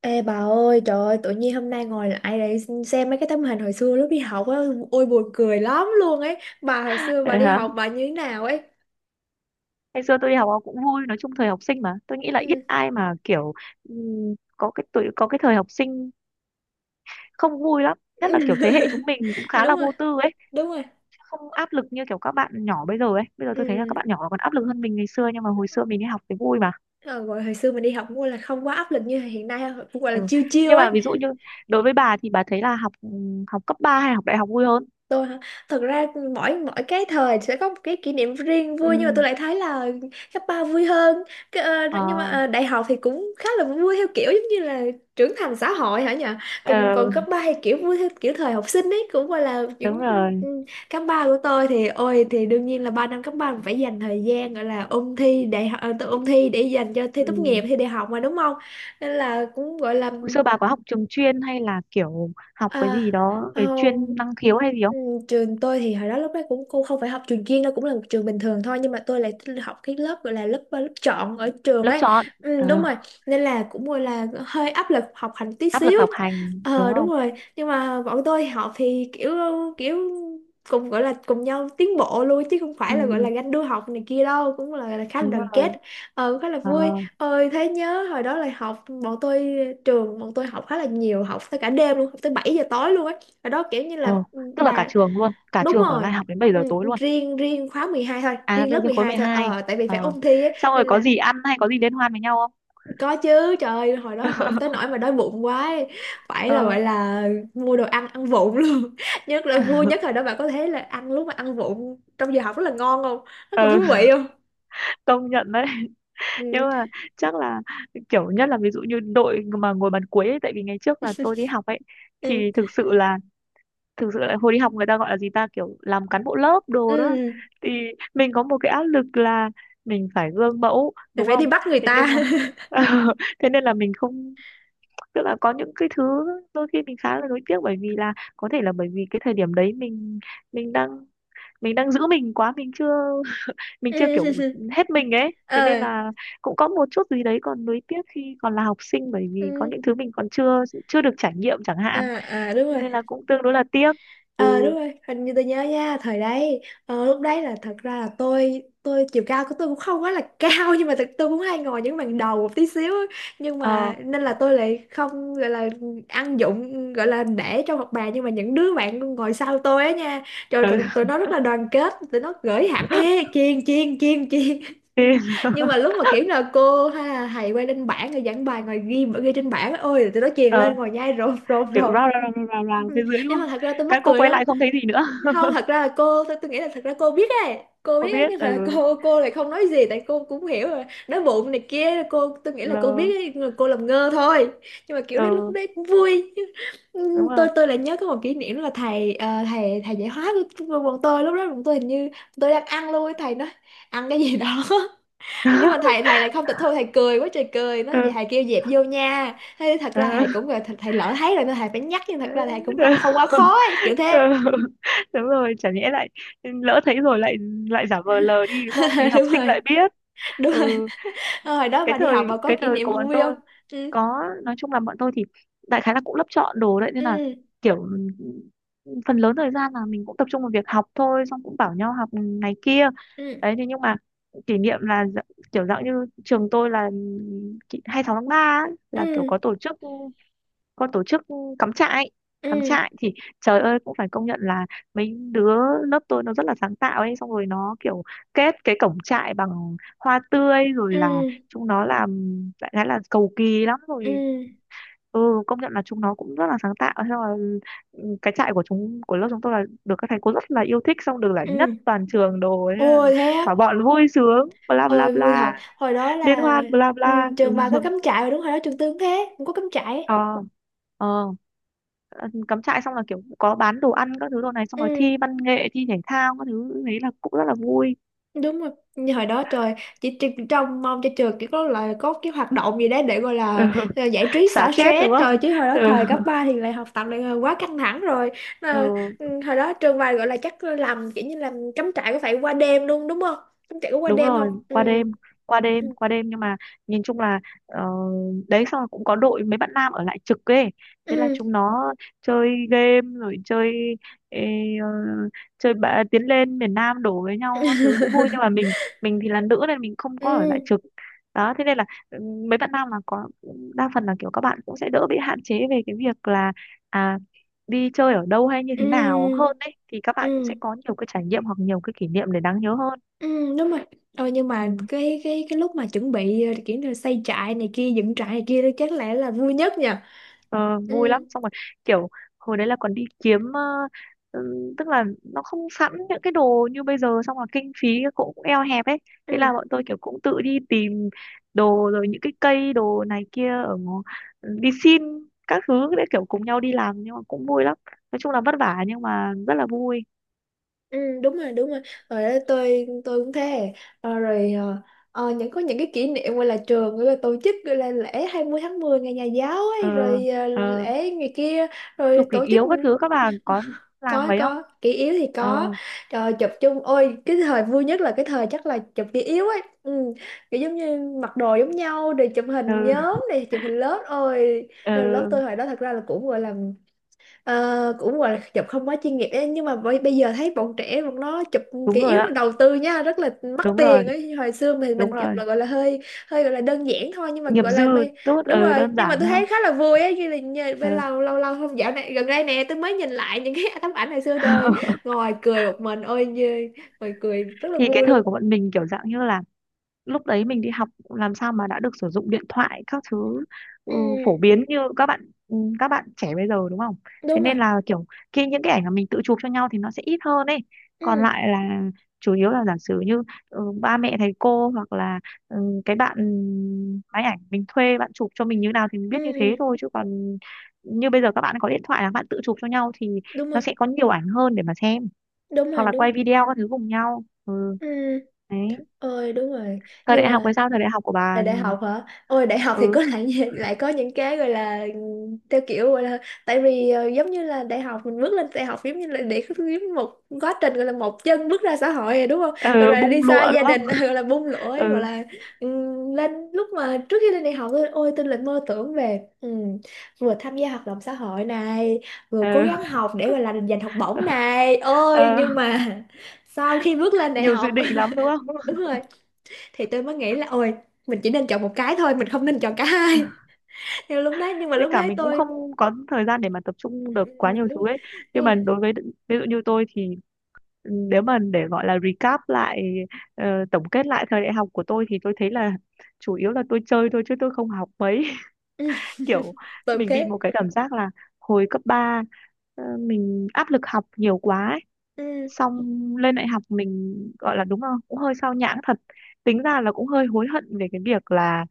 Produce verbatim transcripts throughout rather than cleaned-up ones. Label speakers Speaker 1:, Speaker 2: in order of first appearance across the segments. Speaker 1: Ê bà ơi, trời ơi, tự nhiên hôm nay ngồi lại để xem mấy cái tấm hình hồi xưa lúc đi học á, ôi buồn cười lắm luôn ấy. Bà hồi xưa bà
Speaker 2: Vậy
Speaker 1: đi
Speaker 2: hả?
Speaker 1: học bà như thế nào ấy?
Speaker 2: Ngày xưa tôi đi học cũng vui, nói chung thời học sinh mà. Tôi nghĩ là ít
Speaker 1: Ừ.
Speaker 2: ai mà kiểu ừm, có cái tuổi có cái thời học sinh không vui lắm, nhất là kiểu thế hệ chúng mình cũng khá
Speaker 1: Đúng
Speaker 2: là
Speaker 1: rồi,
Speaker 2: vô tư ấy,
Speaker 1: đúng rồi.
Speaker 2: không áp lực như kiểu các bạn nhỏ bây giờ ấy. Bây giờ tôi thấy là các
Speaker 1: Ừ.
Speaker 2: bạn nhỏ còn áp lực hơn mình ngày xưa nhưng mà hồi xưa mình đi học thì vui mà.
Speaker 1: Ờ, gọi hồi xưa mình đi học cũng là không quá áp lực như hiện nay, cũng gọi là
Speaker 2: Ừ.
Speaker 1: chiêu chiêu
Speaker 2: Nhưng
Speaker 1: ấy.
Speaker 2: mà ví dụ như đối với bà thì bà thấy là học ừm, học cấp ba hay học đại học vui hơn?
Speaker 1: Tôi hả? Thật ra mỗi mỗi cái thời sẽ có một cái kỷ niệm riêng vui, nhưng mà tôi
Speaker 2: Ừ.
Speaker 1: lại thấy là cấp ba vui hơn cái, ờ,
Speaker 2: Ờ,
Speaker 1: nhưng mà ờ, đại học thì cũng khá là vui theo kiểu giống như là trưởng thành xã hội hả nhỉ. còn
Speaker 2: ờ,
Speaker 1: còn cấp ba thì kiểu vui theo kiểu thời học sinh ấy, cũng gọi là
Speaker 2: đúng
Speaker 1: những
Speaker 2: rồi.
Speaker 1: ừ, cấp ba của tôi thì ôi thì đương nhiên là ba năm cấp ba phải dành thời gian gọi là ôn thi đại học, ờ, tự ôn thi để dành cho thi tốt
Speaker 2: Ừ.
Speaker 1: nghiệp, thi đại học mà đúng không, nên là cũng gọi là.
Speaker 2: Hồi xưa bà có học trường chuyên hay là kiểu học cái
Speaker 1: À,
Speaker 2: gì đó về
Speaker 1: không,
Speaker 2: chuyên năng khiếu hay gì?
Speaker 1: ừ, trường tôi thì hồi đó lúc đó cũng cô không phải học trường chuyên đâu, cũng là một trường bình thường thôi, nhưng mà tôi lại học cái lớp gọi là lớp lớp chọn ở trường
Speaker 2: Lớp
Speaker 1: ấy.
Speaker 2: chọn,
Speaker 1: Ừ,
Speaker 2: ờ,
Speaker 1: đúng rồi. Nên là cũng gọi là hơi áp lực học hành tí
Speaker 2: áp lực
Speaker 1: xíu.
Speaker 2: học hành đúng
Speaker 1: Ờ đúng
Speaker 2: không?
Speaker 1: rồi, nhưng mà bọn tôi học thì kiểu kiểu cùng gọi là cùng nhau tiến bộ luôn, chứ không phải là gọi là
Speaker 2: Ừ,
Speaker 1: ganh đua học này kia đâu, cũng là, là khá là
Speaker 2: đúng
Speaker 1: đoàn
Speaker 2: rồi.
Speaker 1: kết. Ờ cũng khá là
Speaker 2: Ờ,
Speaker 1: vui. Ôi thế nhớ hồi đó là học bọn tôi, trường bọn tôi học khá là nhiều, học tới cả đêm luôn, học tới bảy giờ tối luôn ấy. Hồi đó kiểu như
Speaker 2: ờ,
Speaker 1: là ừ,
Speaker 2: tức là cả
Speaker 1: bà
Speaker 2: trường luôn, cả
Speaker 1: đúng
Speaker 2: trường ở
Speaker 1: rồi.
Speaker 2: lại học đến bảy
Speaker 1: Ừ,
Speaker 2: giờ tối luôn?
Speaker 1: riêng riêng khóa mười hai thôi,
Speaker 2: À,
Speaker 1: riêng
Speaker 2: riêng
Speaker 1: lớp
Speaker 2: riêng
Speaker 1: mười
Speaker 2: khối
Speaker 1: hai thôi,
Speaker 2: mười hai,
Speaker 1: ờ tại vì phải
Speaker 2: ờ.
Speaker 1: ôn thi ấy,
Speaker 2: Xong rồi
Speaker 1: nên
Speaker 2: có
Speaker 1: là
Speaker 2: gì ăn hay có gì liên hoan với nhau không?
Speaker 1: có chứ. Trời ơi hồi đó học tới nỗi mà đói bụng quá ấy. Phải là
Speaker 2: Ờ,
Speaker 1: gọi là mua đồ ăn ăn vụng luôn. Nhất là vui nhất hồi đó, bạn có thấy là ăn lúc mà ăn vụng trong giờ học rất là ngon không, rất là
Speaker 2: ờ,
Speaker 1: thú vị không?
Speaker 2: công nhận đấy. Nhưng
Speaker 1: Ừ.
Speaker 2: mà chắc là kiểu nhất là ví dụ như đội mà ngồi bàn cuối ấy, tại vì ngày trước là tôi đi học ấy
Speaker 1: Ừ.
Speaker 2: thì thực sự là, thực sự là hồi đi học người ta gọi là gì ta, kiểu làm cán bộ lớp đồ đó,
Speaker 1: Ừ.
Speaker 2: thì mình có một cái áp lực là mình phải gương mẫu
Speaker 1: Là
Speaker 2: đúng
Speaker 1: phải đi
Speaker 2: không?
Speaker 1: bắt người
Speaker 2: Thế
Speaker 1: ta.
Speaker 2: nhưng mà thế nên là mình không, tức là có những cái thứ đôi khi mình khá là nuối tiếc bởi vì là có thể là bởi vì cái thời điểm đấy mình, mình đang mình đang giữ mình quá, mình chưa mình chưa kiểu
Speaker 1: Ừ.
Speaker 2: hết mình ấy, thế nên
Speaker 1: Ờ.
Speaker 2: là cũng có một chút gì đấy còn nuối tiếc khi còn là học sinh bởi vì có
Speaker 1: Ừ,
Speaker 2: những thứ mình còn chưa, chưa được trải nghiệm chẳng hạn,
Speaker 1: à à đúng rồi.
Speaker 2: nên là cũng tương đối là tiếc.
Speaker 1: Ờ
Speaker 2: Ừ.
Speaker 1: đúng rồi, hình như tôi nhớ nha, thời đấy ờ, lúc đấy là thật ra là tôi tôi chiều cao của tôi cũng không quá là cao, nhưng mà thật tôi cũng hay ngồi những bàn đầu một tí xíu á. Nhưng
Speaker 2: Ờ.
Speaker 1: mà nên là tôi lại không gọi là ăn dụng gọi là để trong học bài, nhưng mà những đứa bạn ngồi sau tôi á nha, trời tụi,
Speaker 2: Ừ.
Speaker 1: tụi nó rất là đoàn kết, tụi nó gửi hẳn ê chiên chiên chiên chiên.
Speaker 2: Thế,
Speaker 1: Nhưng mà lúc mà kiểu là cô hay là thầy quay lên bảng rồi giảng bài ngồi ghi ghi trên bảng á, ôi là tụi nó truyền lên
Speaker 2: ờ,
Speaker 1: ngồi nhai rộp rộp
Speaker 2: kiểu rao
Speaker 1: rộp.
Speaker 2: rao rao rao rao
Speaker 1: Ừ,
Speaker 2: phía dưới đúng
Speaker 1: nhưng mà
Speaker 2: không?
Speaker 1: thật ra tôi mắc
Speaker 2: Các cô
Speaker 1: cười
Speaker 2: quay
Speaker 1: lắm.
Speaker 2: lại không thấy gì nữa,
Speaker 1: Không thật ra là cô tôi, tôi nghĩ là thật ra cô biết ấy, cô
Speaker 2: không
Speaker 1: biết ấy,
Speaker 2: biết.
Speaker 1: nhưng
Speaker 2: Ừ,
Speaker 1: mà cô cô lại không nói gì, tại cô cũng hiểu rồi nói bụng này kia, cô tôi nghĩ là cô
Speaker 2: lờ,
Speaker 1: biết ấy, nhưng mà cô làm ngơ thôi. Nhưng mà kiểu đấy lúc
Speaker 2: ừ,
Speaker 1: đấy cũng vui. Ừ,
Speaker 2: đúng
Speaker 1: tôi
Speaker 2: rồi.
Speaker 1: tôi lại nhớ có một kỷ niệm là thầy ờ, thầy thầy dạy hóa của của bọn tôi. Lúc đó bọn tôi hình như tôi đang ăn luôn ấy, thầy nói ăn cái gì đó. Nhưng mà thầy thầy lại không tịch thu, thầy cười quá trời cười nó vậy, thầy kêu dẹp vô nha. Thế thật ra thầy
Speaker 2: Ừ,
Speaker 1: cũng là thầy, thầy lỡ thấy rồi nên thầy phải nhắc, nhưng thật
Speaker 2: ừ,
Speaker 1: ra thầy cũng không không quá khó ấy, kiểu
Speaker 2: ừ,
Speaker 1: thế.
Speaker 2: đúng rồi, chả nhẽ lại lỡ thấy rồi lại, lại giả vờ lờ đi đúng không? Thì học
Speaker 1: Đúng
Speaker 2: sinh
Speaker 1: rồi,
Speaker 2: lại biết.
Speaker 1: đúng rồi.
Speaker 2: Ừ,
Speaker 1: Ờ, hồi đó
Speaker 2: cái
Speaker 1: bà đi
Speaker 2: thời
Speaker 1: học bà có
Speaker 2: cái
Speaker 1: kỷ
Speaker 2: thời
Speaker 1: niệm
Speaker 2: của bọn
Speaker 1: vui không?
Speaker 2: tôi
Speaker 1: Ừ.
Speaker 2: có, nói chung là bọn tôi thì đại khái là cũng lớp chọn đồ đấy nên là
Speaker 1: Ừ.
Speaker 2: kiểu phần lớn thời gian là mình cũng tập trung vào việc học thôi, xong cũng bảo nhau học này kia,
Speaker 1: Ừ.
Speaker 2: đấy. Thế nhưng mà kỷ niệm là dạ- kiểu dạng như trường tôi là kỷ- hai mươi sáu tháng ba ấy, là kiểu
Speaker 1: Ừ.
Speaker 2: có tổ chức, có tổ chức cắm trại.
Speaker 1: Ừ.
Speaker 2: Cắm trại thì trời ơi cũng phải công nhận là mấy đứa lớp tôi nó rất là sáng tạo ấy, xong rồi nó kiểu kết cái cổng trại bằng hoa tươi rồi
Speaker 1: Ừ.
Speaker 2: là chúng nó làm đại khái là cầu kỳ lắm
Speaker 1: Ừ.
Speaker 2: rồi. Ừ, công nhận là chúng nó cũng rất là sáng tạo, thế là ừ, cái trại của chúng của lớp chúng tôi là được các thầy cô rất là yêu thích, xong được giải nhất
Speaker 1: Ừ.
Speaker 2: toàn trường đồ, thế là
Speaker 1: Ôi thế á.
Speaker 2: cả bọn vui sướng bla bla
Speaker 1: Ôi vui
Speaker 2: bla,
Speaker 1: thật hồi đó
Speaker 2: liên
Speaker 1: là.
Speaker 2: hoan bla bla.
Speaker 1: Ừ,
Speaker 2: Ừ.
Speaker 1: trường bà có cắm trại rồi đúng, hồi đó trường tư cũng thế cũng có cắm trại.
Speaker 2: Ờ, ờ, cắm trại xong là kiểu có bán đồ ăn các thứ đồ này, xong rồi
Speaker 1: Ừ
Speaker 2: thi văn nghệ thi thể thao các thứ, đấy là cũng rất là vui.
Speaker 1: đúng rồi. Như hồi đó trời chỉ, chỉ trông mong cho trường chỉ có là có cái hoạt động gì đấy để gọi
Speaker 2: Ừ.
Speaker 1: là, là giải trí
Speaker 2: Xả
Speaker 1: xả
Speaker 2: stress
Speaker 1: stress
Speaker 2: đúng
Speaker 1: rồi,
Speaker 2: không?
Speaker 1: chứ hồi đó
Speaker 2: Ừ.
Speaker 1: thời cấp ba thì lại học tập lại ờ, quá căng thẳng rồi.
Speaker 2: Ừ.
Speaker 1: Ờ, ừ, hồi đó trường bài gọi là chắc làm kiểu như làm cắm trại có phải qua đêm luôn đúng không, cắm trại có qua
Speaker 2: Đúng
Speaker 1: đêm không?
Speaker 2: rồi,
Speaker 1: Ừ.
Speaker 2: qua đêm, qua đêm, qua đêm. Nhưng mà nhìn chung là, ờ, đấy, xong rồi cũng có đội mấy bạn nam ở lại trực ấy, thế là
Speaker 1: Ừ.
Speaker 2: chúng nó chơi game rồi chơi ê, ờ, chơi bạ, tiến lên miền Nam đổ với nhau các thứ cũng vui, nhưng mà mình mình thì là nữ nên mình không
Speaker 1: Ừ.
Speaker 2: có ở lại trực đó, thế nên là ừ, mấy bạn nam là có, đa phần là kiểu các bạn cũng sẽ đỡ bị hạn chế về cái việc là à đi chơi ở đâu hay như thế nào
Speaker 1: Ừ.
Speaker 2: hơn, đấy thì các bạn cũng sẽ
Speaker 1: Ừ.
Speaker 2: có nhiều cái trải nghiệm hoặc nhiều cái kỷ niệm để đáng nhớ hơn.
Speaker 1: Ừ đúng rồi. Ờ, nhưng
Speaker 2: Ừ.
Speaker 1: mà cái cái cái lúc mà chuẩn bị ờ, kiểu như là xây trại này kia, dựng trại này kia đó chắc lẽ là vui nhất nhỉ.
Speaker 2: Ờ, vui
Speaker 1: Ừ.
Speaker 2: lắm, xong rồi kiểu hồi đấy là còn đi kiếm ờ, ừm, tức là nó không sẵn những cái đồ như bây giờ, xong là kinh phí cũng eo hẹp ấy, thế
Speaker 1: Ừ.
Speaker 2: là bọn tôi kiểu cũng tự đi tìm đồ rồi những cái cây đồ này kia ở ngõ- đi xin các thứ để kiểu cùng nhau đi làm nhưng mà cũng vui lắm, nói chung là vất vả nhưng mà rất là vui.
Speaker 1: Ừ, đúng rồi đúng rồi. Rồi đó, tôi tôi cũng thế. Ờ, rồi ờ, ờ, những có những cái kỷ niệm gọi là trường gọi là tổ chức gọi là lễ hai mươi tháng mười ngày nhà giáo ấy,
Speaker 2: Ờ,
Speaker 1: rồi ờ,
Speaker 2: ờ,
Speaker 1: lễ ngày kia rồi
Speaker 2: chụp kỷ
Speaker 1: tổ chức.
Speaker 2: yếu các thứ các bà có làm
Speaker 1: có
Speaker 2: mấy không?
Speaker 1: có kỷ yếu thì
Speaker 2: Ờ,
Speaker 1: có. Rồi chụp chung, ôi cái thời vui nhất là cái thời chắc là chụp kỷ yếu ấy. Ừ, kiểu giống như mặc đồ giống nhau rồi chụp
Speaker 2: ờ,
Speaker 1: hình nhóm này chụp hình lớp ôi.
Speaker 2: ờ,
Speaker 1: Nhưng mà lớp tôi hồi đó thật ra là cũng gọi là. Ờ, cũng gọi là chụp không quá chuyên nghiệp ấy, nhưng mà bây, bây giờ thấy bọn trẻ bọn nó chụp ừ,
Speaker 2: đúng
Speaker 1: kỹ
Speaker 2: rồi
Speaker 1: yếu nó
Speaker 2: ạ.
Speaker 1: đầu tư nha, rất là mắc
Speaker 2: Đúng rồi,
Speaker 1: tiền ấy. Hồi xưa mình
Speaker 2: đúng
Speaker 1: mình chụp
Speaker 2: rồi.
Speaker 1: là gọi là hơi hơi gọi là đơn giản thôi, nhưng mà
Speaker 2: Nghiệp
Speaker 1: gọi
Speaker 2: dư.
Speaker 1: là bây
Speaker 2: Tốt,
Speaker 1: đúng
Speaker 2: ờ,
Speaker 1: rồi.
Speaker 2: đơn
Speaker 1: Nhưng mà
Speaker 2: giản
Speaker 1: tôi
Speaker 2: hơn.
Speaker 1: thấy khá là vui ấy, như là nhờ, bây
Speaker 2: Ừ.
Speaker 1: lâu lâu lâu không, dạo này gần đây nè tôi mới nhìn lại những cái tấm ảnh hồi xưa rồi ngồi cười một mình ôi như ngồi cười rất là
Speaker 2: Thì cái
Speaker 1: vui luôn.
Speaker 2: thời của bọn mình kiểu dạng như là lúc đấy mình đi học làm sao mà đã được sử dụng điện thoại các thứ ừ,
Speaker 1: Ừ
Speaker 2: phổ biến như các bạn, ừ, các bạn trẻ bây giờ đúng không? Thế
Speaker 1: đúng rồi.
Speaker 2: nên là kiểu khi những cái ảnh mà mình tự chụp cho nhau thì nó sẽ ít hơn ấy. Còn
Speaker 1: Ừ.
Speaker 2: lại là chủ yếu là giả sử như ừ, ba mẹ thầy cô hoặc là ừ, cái bạn máy ảnh mình thuê bạn chụp cho mình như nào thì mình biết như thế
Speaker 1: Ừ
Speaker 2: thôi, chứ còn như bây giờ các bạn có điện thoại là các bạn tự chụp cho nhau thì
Speaker 1: đúng
Speaker 2: nó
Speaker 1: rồi
Speaker 2: sẽ có nhiều ảnh hơn để mà xem.
Speaker 1: đúng
Speaker 2: Hoặc
Speaker 1: rồi
Speaker 2: là
Speaker 1: đúng.
Speaker 2: quay video các thứ cùng nhau. Ừ,
Speaker 1: Ừ
Speaker 2: đấy.
Speaker 1: ôi đúng rồi.
Speaker 2: Thời
Speaker 1: Nhưng
Speaker 2: đại học
Speaker 1: mà
Speaker 2: hay sao, thời đại học của
Speaker 1: là
Speaker 2: bà?
Speaker 1: đại học hả? Ôi đại học thì
Speaker 2: Ừ.
Speaker 1: có lại lại có những cái gọi là theo kiểu gọi là, tại vì ờ, giống như là đại học mình bước lên đại học giống như là để giống một quá trình gọi là một chân bước ra xã hội rồi đúng không, rồi,
Speaker 2: Ờ,
Speaker 1: rồi
Speaker 2: bung
Speaker 1: đi xa
Speaker 2: lụa đúng
Speaker 1: gia
Speaker 2: không?
Speaker 1: đình gọi là bung lỗi gọi
Speaker 2: Ừ.
Speaker 1: là ừm, lên lúc mà trước khi lên đại học tôi ôi tôi lại mơ tưởng về ừm, vừa tham gia hoạt động xã hội này, vừa cố
Speaker 2: Ờ,
Speaker 1: gắng học để gọi là giành học bổng này ôi
Speaker 2: ờ,
Speaker 1: nhưng mà sau khi bước lên đại
Speaker 2: nhiều dự
Speaker 1: học.
Speaker 2: định lắm đúng không?
Speaker 1: Đúng rồi. Thì tôi mới nghĩ là ôi mình chỉ nên chọn một cái thôi, mình không nên chọn cả hai. Nhưng lúc đấy, nhưng mà
Speaker 2: Với
Speaker 1: lúc
Speaker 2: cả
Speaker 1: đấy
Speaker 2: mình cũng
Speaker 1: tôi
Speaker 2: không có thời gian để mà tập trung
Speaker 1: ừ,
Speaker 2: được
Speaker 1: ừ,
Speaker 2: quá nhiều
Speaker 1: đúng rồi,
Speaker 2: thứ ấy.
Speaker 1: đúng
Speaker 2: Nhưng mà
Speaker 1: rồi.
Speaker 2: đối với, ví dụ như tôi thì ừ, nếu mà để gọi là recap lại, ờ, tổng kết lại thời đại học của tôi thì tôi thấy là chủ yếu là tôi chơi thôi chứ tôi không học mấy.
Speaker 1: Ừ.
Speaker 2: Kiểu
Speaker 1: Tôi cũng
Speaker 2: mình bị một
Speaker 1: thế.
Speaker 2: cái cảm giác là hồi cấp ba mình áp lực học nhiều quá ấy.
Speaker 1: Ừ,
Speaker 2: Xong lên đại học mình gọi là đúng không, cũng hơi sao nhãng thật, tính ra là cũng hơi hối hận về cái việc là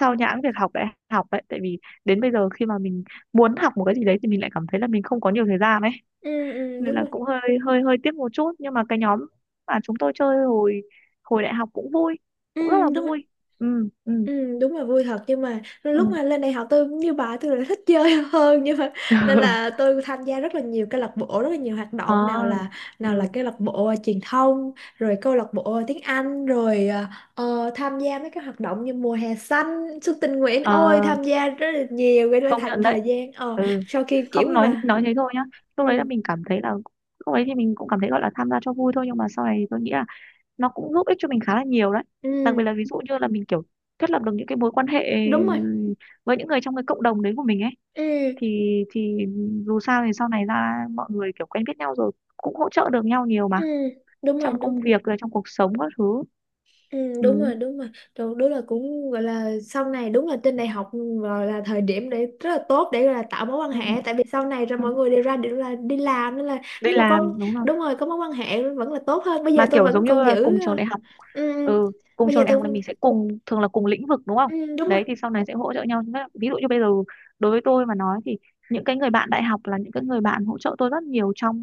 Speaker 2: sao nhãng việc học đại học đấy, tại vì đến bây giờ khi mà mình muốn học một cái gì đấy thì mình lại cảm thấy là mình không có nhiều thời gian ấy,
Speaker 1: ừ, ừ,
Speaker 2: nên
Speaker 1: đúng
Speaker 2: là
Speaker 1: rồi.
Speaker 2: cũng hơi, hơi hơi tiếc một chút. Nhưng mà cái nhóm mà chúng tôi chơi hồi hồi đại học cũng vui,
Speaker 1: Ừ,
Speaker 2: cũng rất là
Speaker 1: đúng.
Speaker 2: vui. Ừ, ừ,
Speaker 1: Ừ, đúng là vui thật, nhưng mà
Speaker 2: ừ.
Speaker 1: lúc mà lên đại học tôi cũng như bà, tôi là thích chơi hơn, nhưng mà nên là tôi tham gia rất là nhiều câu lạc bộ, rất là nhiều hoạt động,
Speaker 2: Ờ,
Speaker 1: nào là nào là
Speaker 2: ừ,
Speaker 1: câu lạc bộ à, truyền thông rồi câu lạc bộ à, tiếng Anh rồi à, ờ, tham gia mấy cái hoạt động như mùa hè xanh, xuân tình nguyện,
Speaker 2: ờ,
Speaker 1: ôi tham gia rất là nhiều, gây ra
Speaker 2: công
Speaker 1: thành
Speaker 2: nhận đấy.
Speaker 1: thời gian ờ
Speaker 2: Ừ,
Speaker 1: sau khi kiểu
Speaker 2: không,
Speaker 1: như
Speaker 2: nói
Speaker 1: là.
Speaker 2: nói thế thôi nhá,
Speaker 1: Ừ.
Speaker 2: lúc đấy là mình cảm thấy là, lúc đấy thì mình cũng cảm thấy gọi là tham gia cho vui thôi, nhưng mà sau này tôi nghĩ là nó cũng giúp ích cho mình khá là nhiều đấy, đặc biệt
Speaker 1: Ừ
Speaker 2: là ví dụ như là mình kiểu thiết lập được những cái mối quan hệ
Speaker 1: đúng rồi.
Speaker 2: với những người trong cái cộng đồng đấy của mình ấy
Speaker 1: Ừ.
Speaker 2: thì thì dù sao thì sau này ra mọi người kiểu quen biết nhau rồi cũng hỗ trợ được nhau nhiều
Speaker 1: Ừ
Speaker 2: mà,
Speaker 1: đúng rồi
Speaker 2: trong
Speaker 1: đúng.
Speaker 2: công việc rồi trong cuộc sống các thứ.
Speaker 1: Ừ, đúng
Speaker 2: Ừ.
Speaker 1: rồi đúng rồi. Đúng, đúng là cũng gọi là sau này đúng là trên đại học rồi là thời điểm để rất là tốt để gọi là tạo mối quan
Speaker 2: Ừ.
Speaker 1: hệ, tại vì sau này rồi
Speaker 2: Ừ.
Speaker 1: mọi người đều ra đều là đi làm, nên là
Speaker 2: Đi
Speaker 1: nếu mà có
Speaker 2: làm đúng rồi.
Speaker 1: đúng rồi có mối quan hệ vẫn là tốt hơn. Bây giờ
Speaker 2: Mà
Speaker 1: tôi
Speaker 2: kiểu
Speaker 1: vẫn
Speaker 2: giống như
Speaker 1: còn
Speaker 2: là
Speaker 1: giữ
Speaker 2: cùng trường
Speaker 1: ờ,
Speaker 2: đại học,
Speaker 1: ừ, ừ.
Speaker 2: ừ, cùng
Speaker 1: Bây giờ
Speaker 2: trường đại học thì
Speaker 1: tôi
Speaker 2: mình sẽ cùng, thường là cùng lĩnh vực đúng không?
Speaker 1: ừ, đúng rồi.
Speaker 2: Đấy thì sau này sẽ hỗ trợ nhau. Nghĩa là ví dụ như bây giờ đối với tôi mà nói thì những cái người bạn đại học là những cái người bạn hỗ trợ tôi rất nhiều trong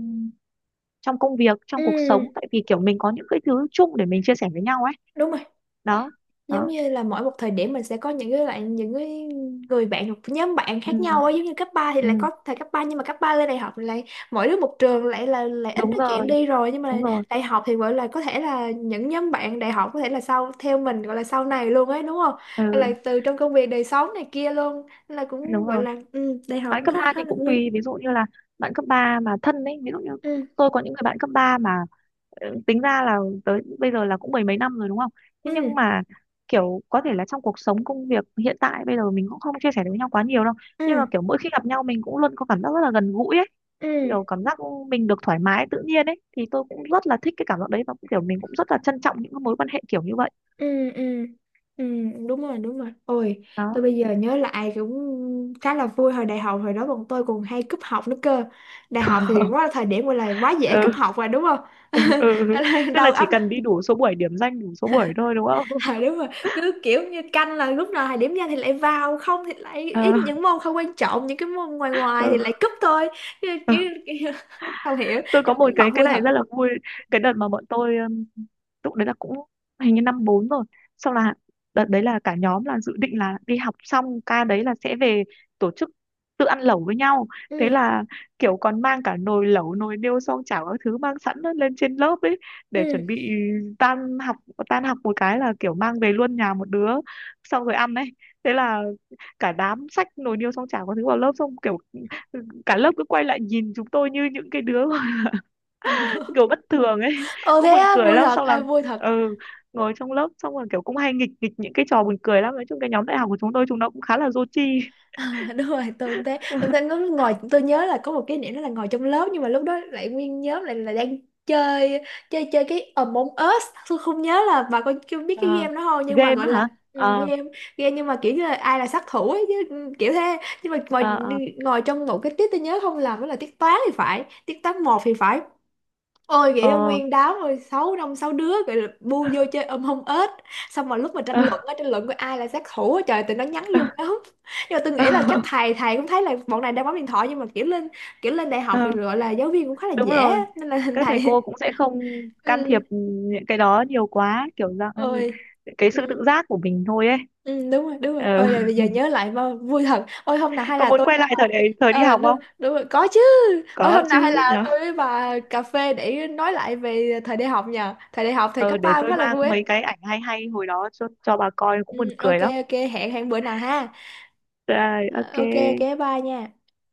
Speaker 2: trong công việc trong cuộc sống,
Speaker 1: Ừ,
Speaker 2: tại vì kiểu mình có những cái thứ chung để mình chia sẻ với nhau ấy,
Speaker 1: đúng rồi.
Speaker 2: đó.
Speaker 1: Giống
Speaker 2: Đó.
Speaker 1: như là mỗi một thời điểm mình sẽ có những cái lại những cái người bạn hoặc nhóm bạn
Speaker 2: Ừ,
Speaker 1: khác nhau ấy, giống như cấp ba thì lại
Speaker 2: ừ.
Speaker 1: có thời cấp ba, nhưng mà cấp ba lên đại học thì lại mỗi đứa một trường lại là lại ít
Speaker 2: Đúng
Speaker 1: nói chuyện
Speaker 2: rồi,
Speaker 1: đi rồi. Nhưng
Speaker 2: đúng
Speaker 1: mà
Speaker 2: rồi.
Speaker 1: đại học thì gọi là có thể là những nhóm bạn đại học có thể là sau theo mình gọi là sau này luôn ấy đúng không, hay là
Speaker 2: Ừ,
Speaker 1: từ trong công việc đời sống này kia luôn. Nên là cũng
Speaker 2: đúng
Speaker 1: gọi
Speaker 2: rồi,
Speaker 1: là ừ, đại học
Speaker 2: bạn cấp
Speaker 1: khá
Speaker 2: ba
Speaker 1: khá
Speaker 2: thì
Speaker 1: là
Speaker 2: cũng
Speaker 1: vui.
Speaker 2: tùy, ví dụ như là bạn cấp ba mà thân ấy, ví dụ như
Speaker 1: Ừ.
Speaker 2: tôi có những người bạn cấp ba mà ờ, tính ra là tới bây giờ là cũng mười mấy năm rồi đúng không? Thế nhưng
Speaker 1: Ừ.
Speaker 2: mà kiểu có thể là trong cuộc sống công việc hiện tại bây giờ mình cũng không chia sẻ được với nhau quá nhiều đâu. Nhưng mà
Speaker 1: Ừ.
Speaker 2: kiểu mỗi khi gặp nhau mình cũng luôn có cảm giác rất là gần gũi ấy,
Speaker 1: Ừ.
Speaker 2: kiểu cảm giác mình được thoải mái tự nhiên ấy, thì tôi cũng rất là thích cái cảm giác đấy, và cũng kiểu mình cũng rất là trân trọng những cái mối quan hệ kiểu như vậy.
Speaker 1: Ừ. Ừ. Ừ đúng rồi đúng rồi. Ôi
Speaker 2: Đó.
Speaker 1: tôi bây giờ nhớ lại cũng khá là vui hồi đại học, hồi đó bọn tôi còn hay cúp học nữa cơ. Đại học thì quá là thời điểm gọi là quá dễ
Speaker 2: Ừ.
Speaker 1: cúp học rồi đúng không?
Speaker 2: Ừ. Ừ. Tức
Speaker 1: Đầu
Speaker 2: là chỉ
Speaker 1: óc.
Speaker 2: cần đi đủ số buổi, điểm danh đủ số buổi thôi đúng không?
Speaker 1: À, đúng rồi. Cứ kiểu như canh là lúc nào thời điểm ra thì lại vào, không thì lại ít
Speaker 2: Ờ.
Speaker 1: những môn không quan trọng, những cái môn ngoài ngoài thì lại cúp thôi. chứ,
Speaker 2: Ừ.
Speaker 1: chứ không hiểu,
Speaker 2: Tôi
Speaker 1: nhưng
Speaker 2: có
Speaker 1: mà
Speaker 2: một
Speaker 1: cúp học
Speaker 2: cái cái
Speaker 1: vui
Speaker 2: này
Speaker 1: thật.
Speaker 2: rất là vui. Cái đợt mà bọn tôi um, lúc đấy là cũng hình như năm bốn rồi, xong là đợt đấy là cả nhóm là dự định là đi học xong ca đấy là sẽ về tổ chức tự ăn lẩu với nhau,
Speaker 1: Ừ.
Speaker 2: thế là kiểu còn mang cả nồi lẩu nồi niêu xoong chảo các thứ mang sẵn lên trên lớp ấy để chuẩn
Speaker 1: Ừ.
Speaker 2: bị tan học, tan học một cái là kiểu mang về luôn nhà một đứa xong rồi ăn ấy, thế là cả đám xách nồi niêu xoong chảo các thứ vào lớp, xong kiểu cả lớp cứ quay lại nhìn chúng tôi như những cái đứa kiểu bất thường ấy
Speaker 1: Ồ
Speaker 2: cũng
Speaker 1: thế
Speaker 2: buồn
Speaker 1: á,
Speaker 2: cười
Speaker 1: vui
Speaker 2: lắm.
Speaker 1: thật,
Speaker 2: Xong là
Speaker 1: à, vui thật.
Speaker 2: ừ, ngồi trong lớp xong rồi kiểu cũng hay nghịch nghịch những cái trò buồn cười lắm, nói chung cái nhóm đại học của chúng tôi chúng nó cũng khá là dô chi.
Speaker 1: À, đúng rồi tôi cũng thế, tôi thấy ngồi ngồi- tôi nhớ là có một kỷ niệm đó là ngồi trong lớp, nhưng mà lúc đó lại nguyên nhóm lại là đang chơi chơi chơi cái Among Us. Tôi không nhớ là bà có chưa biết cái
Speaker 2: À,
Speaker 1: game đó không, nhưng mà
Speaker 2: game
Speaker 1: gọi
Speaker 2: á
Speaker 1: là
Speaker 2: hả?
Speaker 1: ừ,
Speaker 2: À,
Speaker 1: game game nhưng mà kiểu như là ai là sát thủ ấy chứ ừ, kiểu thế. Nhưng mà ngồi
Speaker 2: à, à,
Speaker 1: ngồi trong một cái tiết, tôi nhớ không làm đó là tiết toán thì phải, tiết toán một thì phải. Ôi vậy ông
Speaker 2: ờ,
Speaker 1: nguyên đám rồi sáu năm sáu đứa gọi là bu vô chơi ôm hông ếch, xong mà lúc mà tranh
Speaker 2: ờ,
Speaker 1: luận á, tranh luận coi ai là sát thủ á, trời tụi nó nhắn
Speaker 2: ờ,
Speaker 1: vô nhóm. Nhưng mà tôi
Speaker 2: ờ,
Speaker 1: nghĩ là chắc thầy thầy cũng thấy là bọn này đang bấm điện thoại, nhưng mà kiểu lên kiểu lên đại học
Speaker 2: ờ.
Speaker 1: thì gọi là giáo viên cũng khá là
Speaker 2: Đúng
Speaker 1: dễ á,
Speaker 2: rồi,
Speaker 1: nên là
Speaker 2: các thầy cô
Speaker 1: thầy
Speaker 2: cũng sẽ không can thiệp
Speaker 1: ừ
Speaker 2: những cái đó nhiều quá, kiểu dạng ừ,
Speaker 1: ôi
Speaker 2: cái sự
Speaker 1: ừ,
Speaker 2: tự giác của mình thôi ấy.
Speaker 1: ừ đúng rồi đúng rồi. Ôi là
Speaker 2: Ừ.
Speaker 1: bây giờ nhớ lại mà vui thật. Ôi hôm nào hay
Speaker 2: Có
Speaker 1: là
Speaker 2: muốn
Speaker 1: tôi
Speaker 2: quay
Speaker 1: với
Speaker 2: lại
Speaker 1: bà
Speaker 2: thời đại, thời đi
Speaker 1: ờ
Speaker 2: học
Speaker 1: đúng,
Speaker 2: không?
Speaker 1: đúng rồi có chứ. Ôi
Speaker 2: Có
Speaker 1: hôm
Speaker 2: chứ.
Speaker 1: nào hay là tôi với bà cà phê để nói lại về thời đại học nhờ, thời đại học thời
Speaker 2: Ờ,
Speaker 1: cấp
Speaker 2: để
Speaker 1: ba cũng
Speaker 2: tôi
Speaker 1: khá là
Speaker 2: mang
Speaker 1: vui ấy.
Speaker 2: mấy cái ảnh hay hay hồi đó cho, cho, bà coi cũng
Speaker 1: Ừ,
Speaker 2: buồn
Speaker 1: ok
Speaker 2: cười lắm.
Speaker 1: ok hẹn hẹn bữa nào ha.
Speaker 2: Rồi,
Speaker 1: Ờ,
Speaker 2: ok.
Speaker 1: ok ok bye nha.